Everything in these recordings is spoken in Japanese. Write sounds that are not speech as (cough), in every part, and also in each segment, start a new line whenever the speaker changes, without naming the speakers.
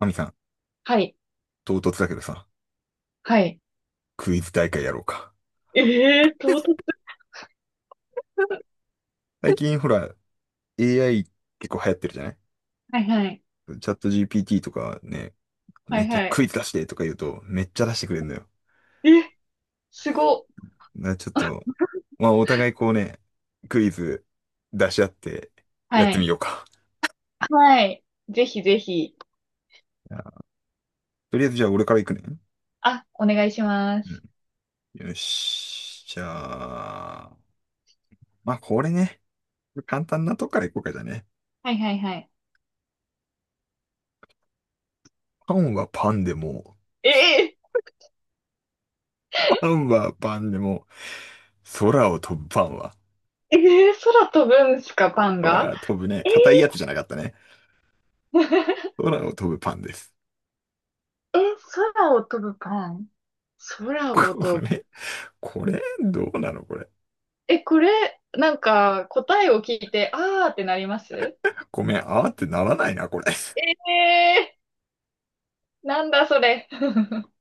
アミさん、
はい。
唐突だけどさ、
はい。
クイズ大会やろうか。
ええー、唐突。
(laughs) 最近ほら、AI 結構流行ってるじゃない？
はいはい。
チャット GPT とかね、
は
めっ
い
ちゃ
は
ク
い。
イズ出してとか言うと、めっちゃ出してくれるのよ。
え、すご。
だからちょっと、まあお互いこうね、クイズ出し合ってやっ
は
てみ
い。
ようか。
はい。ぜひぜひ。
じゃあとりあえずじゃあ俺から行くね。
あ、お願いしま
う
す。
ん。よし。じゃあ、まあこれね、簡単なとこから行こうかじゃあね。
はいはいはい。
パンはパンでも、
ええ
パンはパンでも、空を飛ぶパンは？
ええ、空飛ぶんすか、パン
だか
が？
ら飛ぶね、
ええ
硬いやつじゃなかったね。
(laughs)
空を飛ぶパンです。
え、空を飛ぶパン、空を
こ
飛ぶ。
れ、これ、どうなのこれ。
え、これ、なんか、答えを聞いて、あーってなります？
ごめん、あーってならないな、これ。
ええ、なんだそれ。(laughs)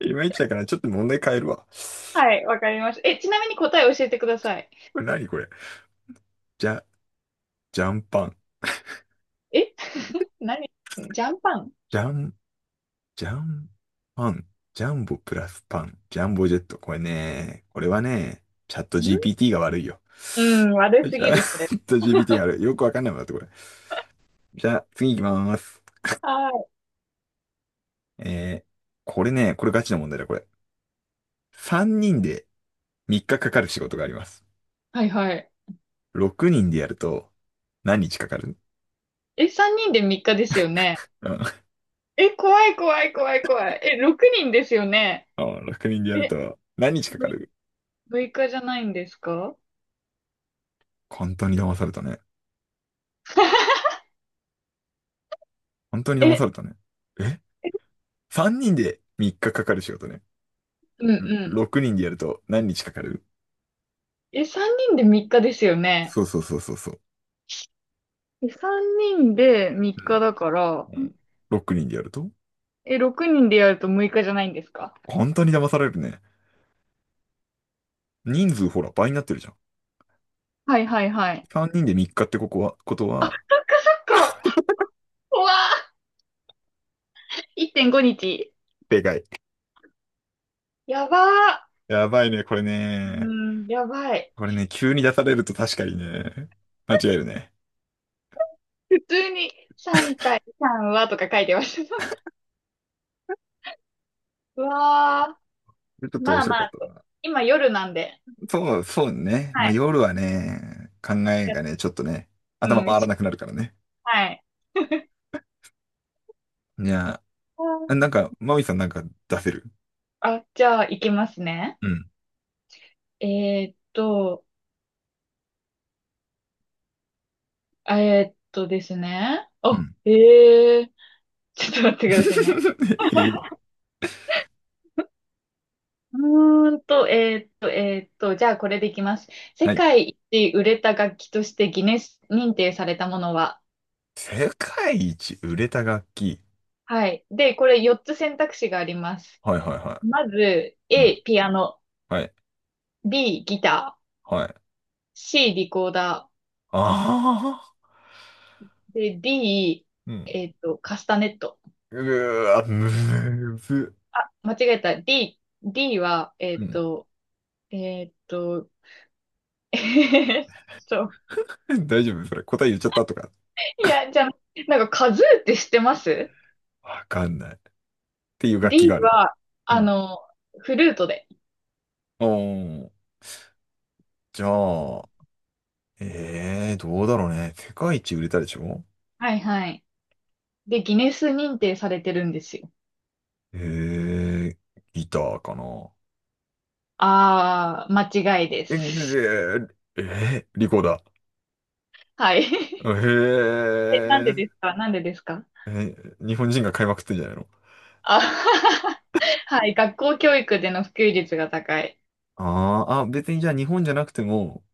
いまいちだから、ちょっと問題変えるわ。
はい、わかりました。え、ちなみに答え教えてください。
これ何これ。じゃ、ジャンパン。
え (laughs) 何？ジャンパンん？
ジャン、ジャンパン。ジャンボプラスパン。ジャンボジェット。これはね、チャット GPT が悪いよ。
うん、悪
チ
すぎ
ャ
る、それ。
ット GPT が悪い。よくわかんないもんだって、これ。じゃあ、次行きまーす。
はい。
えー、これガチな問題だ、これ。3人で3日かかる仕事があります。
はいはい。
6人でやると、何日かかる？
え、3人で3日ですよね。
うん。(laughs)
え、怖い怖い怖い怖い。え、6人ですよね。
あ、6人でやる
え、
と、何日かかる？
6、日じゃないんですか？
本当に騙されたね。
(laughs)
本当に騙
え、
されたね。え ?3 人で3日かかる仕事ね。
うんうん。
6人でやると何日かかる？
え、3人で3日ですよね。
そうそうそうそうそう。
え、3人で3日だから、
う
ん。
ん。6人でやると？
え、6人でやると6日じゃないんですか？
本当に騙されるね。人数ほら倍になってるじゃん。
はいはいはい。
3人で3日ってことは、
なんか怖っ !1.5 日。
でかい。
やば
やばいね、これ
ー。
ね。
うーん、やばい。
これね、急に出されると確かにね、間違えるね。
普通に3対3はとか書いてました。(laughs) うわ
ちょっ
ー、
と面
まあ
白
ま
かっ
あ
た
と。
な。
今夜なんで。
そう、そうね。
は
まあ、
い。
夜はね、考えがね、ちょっとね、頭
うん、
回らなくなるからね。
はい。
いや、
あー、
なんか、マミさんなんか出せる？
あ、じゃあ行きますね。
うん。
えーっと、えですね。
う
あ、
ん。
えー、ちょっと待ってくださいね。
(laughs) へえ。
じゃあこれでいきます。世
はい。
界一売れた楽器としてギネス認定されたものは？
世界一売れた楽器。
はい。で、これ4つ選択肢があります。
はいはいは
まず、
い。うん。
A、ピアノ。
はい。
B、ギター。
はい。
C、リコーダ
ああ。
ー。で、D、
うん。
カスタネット。
うーわ、むず。
あ、間違えた。D は、
うん。
えっと、(laughs) えっと、
(laughs) 大丈夫それ？答え言っちゃったとか。
いや、じゃあ、なんかカズーって知ってます
わかんない。っていう楽器
?D
があるの。
は、
う
あ
ん。
の、フルートで。
おー。じゃあ、ええどうだろうね。世界一売れたでしょ？
はいはい。で、ギネス認定されてるんですよ。
ええギターかな。
あー、間違いで
え
す。
えええリコーダー。
はい。(laughs) え、なんでです
え
か？なんでですか？
ええ日本人が買いまくってんじゃないの？
あ (laughs) はい。学校教育での普及率が高い。
ああー、あ、別にじゃあ日本じゃなくても、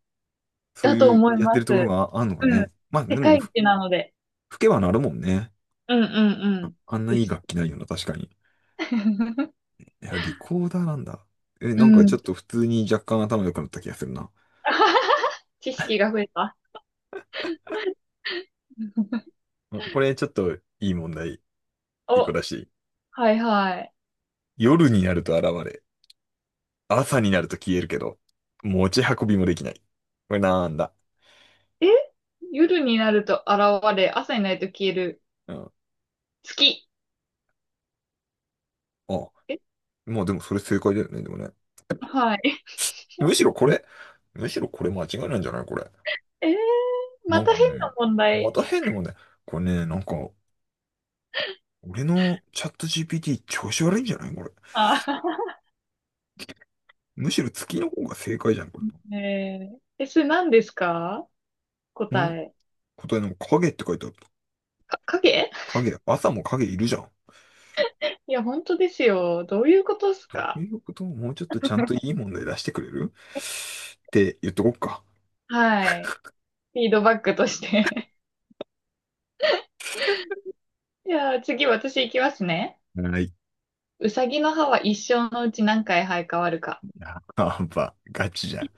そう
だと
いう
思い
やって
ま
るところ
す。
があんのか
うん。
ね。まあで
世
も、
界一なので。
吹けばなるもんね。
うんうんう
あ、
ん。
あんな
で
いい
す。
楽器ないよな、確かに。
(laughs)
いや、リコーダーなんだ。え、
う
なんかちょ
ん。
っと普通に若干頭良くなった気がするな。
(laughs) 知識が増えた。
あ、これちょっといい問題、一個
お、
だし。
はいはい。
夜になると現れ。朝になると消えるけど、持ち運びもできない。これなんだ？
え、夜になると現れ、朝になると消える。
うん。
月。
あ、
え、
まあでもそれ正解だよね、でもね。
はい。
むしろこ
ん。
れ、むしろこれ間違いないんじゃないこれ。な
ま
ん
た
か
変
ね、
な問
ま
題。
た変なもんね。これね、なんか、俺のチャット GPT 調子悪いんじゃないこれ？
あ (laughs)
むしろ月の方が正解じゃん、これ。
え、それ何ですか？答
ん
え？
答えの影って書いてある。
か、影？
影、朝も影いるじゃん。
いや、本当ですよ。どういうことです
どう
か？
いうこと？もうちょっとちゃんといい問題出してくれるって言っとこっか。
はい。フィードバックとして。じゃあ次私行きますね。
はい。
うさぎの歯は一生のうち何回生え変わるか？
やっぱ、ガチじゃん。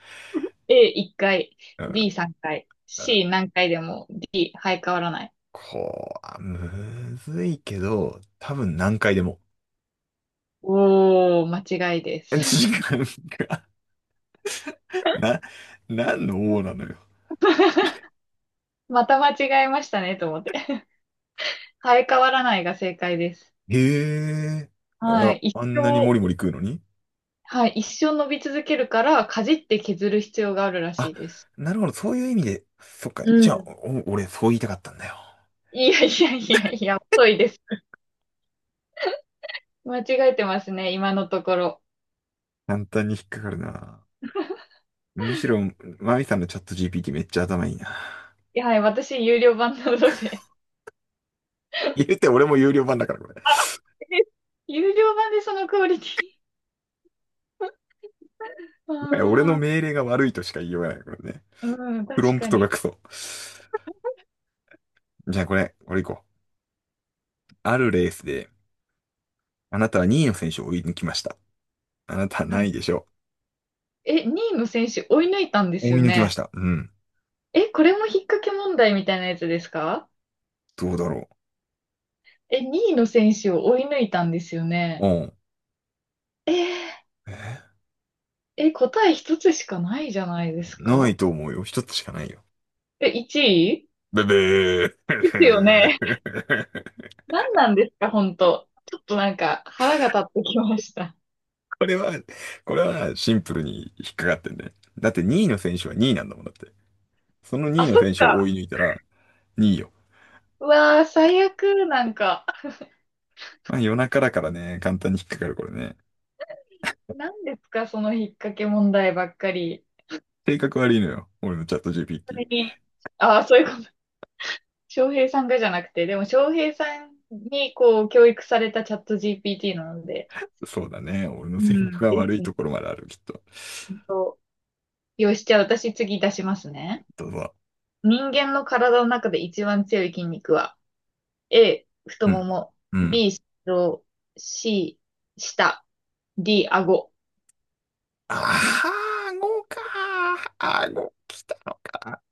A1 回、
うん。
B3 回、C 何回でも、 D 生え変わらない。
こう、むずいけど、多分何回でも。
おー、間違いです。
(laughs) 時間が、な、何の王なのよ。
(laughs) また間違えましたねと思って。生え変わらないが正解です。
へえ。い
は
や、
い。一
あんなにモ
生、
リモリ食うのに？
はい。一生伸び続けるから、かじって削る必要があるらし
あ、
いです。
なるほど、そういう意味で、そっか。
う
じゃあ、
ん。
俺、そう言いたかったんだよ。
いやいやいやいや、遅いです。間違えてますね、今のところ。
簡単に引っかかるな。むしろ、マミさんのチャット GPT めっちゃ頭いいな。
いや、はい。私、有料版なので。
言うて俺も有料版だから、これ。も
(laughs) 有料版でそのクオリティ。(laughs)
はや俺の
ああ、
命令が悪いとしか言いようがない、これね。
うん、
プロ
確
ン
か
プト
に。
がクソ。じゃあ、これ行こう。あるレースで、あなたは2位の選手を追い抜きました。あなたは？
は
な
い。
いでしょ
え、2位の選手追い抜いたんで
う。
す
追
よ
い抜きま
ね。
した。うん。
え、これも引っ掛け問題みたいなやつですか？
どうだろ
え、2位の選手を追い抜いたんですよ
う。う
ね。
ん。え？
え、答え一つしかないじゃないです
ない
か？
と思うよ。一つしかないよ。
え、1位
ブブ
ですよね。(laughs)
ー。
何なんですか、本当。ちょっとなんか腹が立ってきました。
(laughs) これは、これはシンプルに引っかかってんね。だって2位の選手は2位なんだもんだって。その2位
あ、
の
そっ
選手を
か。
追い抜いたら2位よ。
うわー、最悪、なんか。
まあ夜中だからね、簡単に引っかかるこれね。
何ですか、その引っ掛け問題ばっかり。
性格悪いのよ。俺のチャット
そ
GPT。
れに、ああ、そういうこと。翔平さんがじゃなくて、でも翔平さんにこう教育されたチャット GPT なので、
そうだね。俺の
う
性格
ん。
が
で
悪
す
い
ね。
ところまである、きっと。
本当。よし、じゃあ私次出しますね。
どうぞ。
人間の体の中で一番強い筋肉は、A、太
う
も
ん。
も、
うん。
B、心臓、C、舌、D、顎。
ああ、顎か。顎来たのか。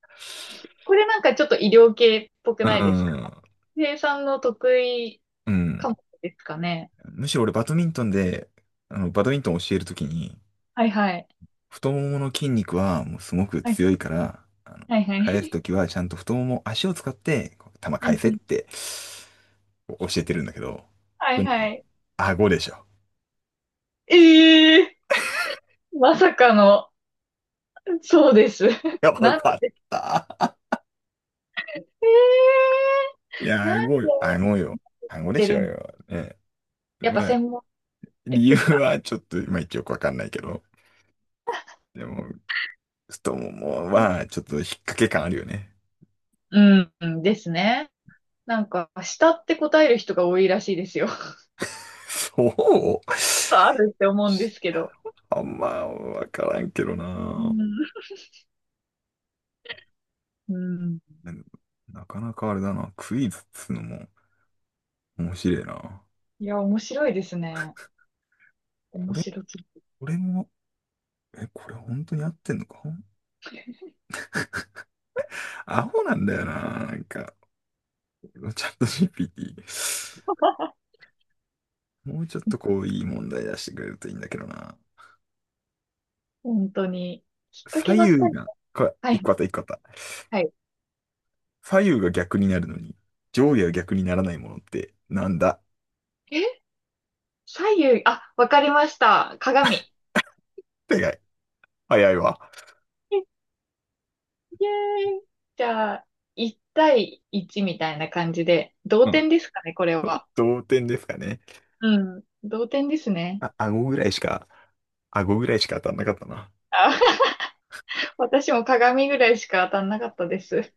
これなんかちょっと医療系っぽく
う
ないですか？
ん。
翔平井さんの得意
うん。
科目ですかね。
むしろ俺バドミントンで、バドミントン教えるときに、
はいはい。
太ももの筋肉はもうすごく
はい
強いから、
はいは
返す
い。
ときはちゃんと太もも、足を使って、こう球
(laughs) う
返
ん
せ
う
っ
ん。
てこう教えてるんだけど、
は
こ
い
れ
は
ね、
い。
顎でしょ。
ええー、まさかの、そうです。
(laughs) や
(laughs)
ば
なん、
かった。
え
いや、
なん
顎
で
よ。
やっ
顎よ。顎で
て
しょ
る
う
ん？
よ。ね。
やっぱ
まあ、
専門
理由
ですか？
はちょっと、まあ一応よくわかんないけど、でも、ちょっともうまあ、ちょっと引っ掛け感あるよね。
うん、うんですね。なんか、下って答える人が多いらしいですよ。(laughs)
そう。
あるって思うんですけど。
あんまわからんけど
う
な。
ん。うん。
なんなかなかあれだな。クイズっつうのも面白いな。
いや、面白いですね。
こ
面
れ、
白すぎ。
これも、え、これ本当に合ってんのか？アホなんだよな。なんか、チャット GPT。もうちょっとこう、いい問題出してくれるといいんだけどな。
本当に。きっか
左
けばっか
右
り。
が、これ、
は
一
い、
個あった、一個あった。
はい。
左右が逆になるのに、上下が逆にならないものってなんだ？
え、左右、あ、わかりました。鏡。
って早いわ。
イエーイ！じゃあ、1対1みたいな感じで、同
うん。
点ですかね、これ
(laughs)
は。
同点ですかね。
うん、同点ですね。
あ、顎ぐらいしか当たんなかったな。
あ、(laughs) 私も鏡ぐらいしか当たんなかったです。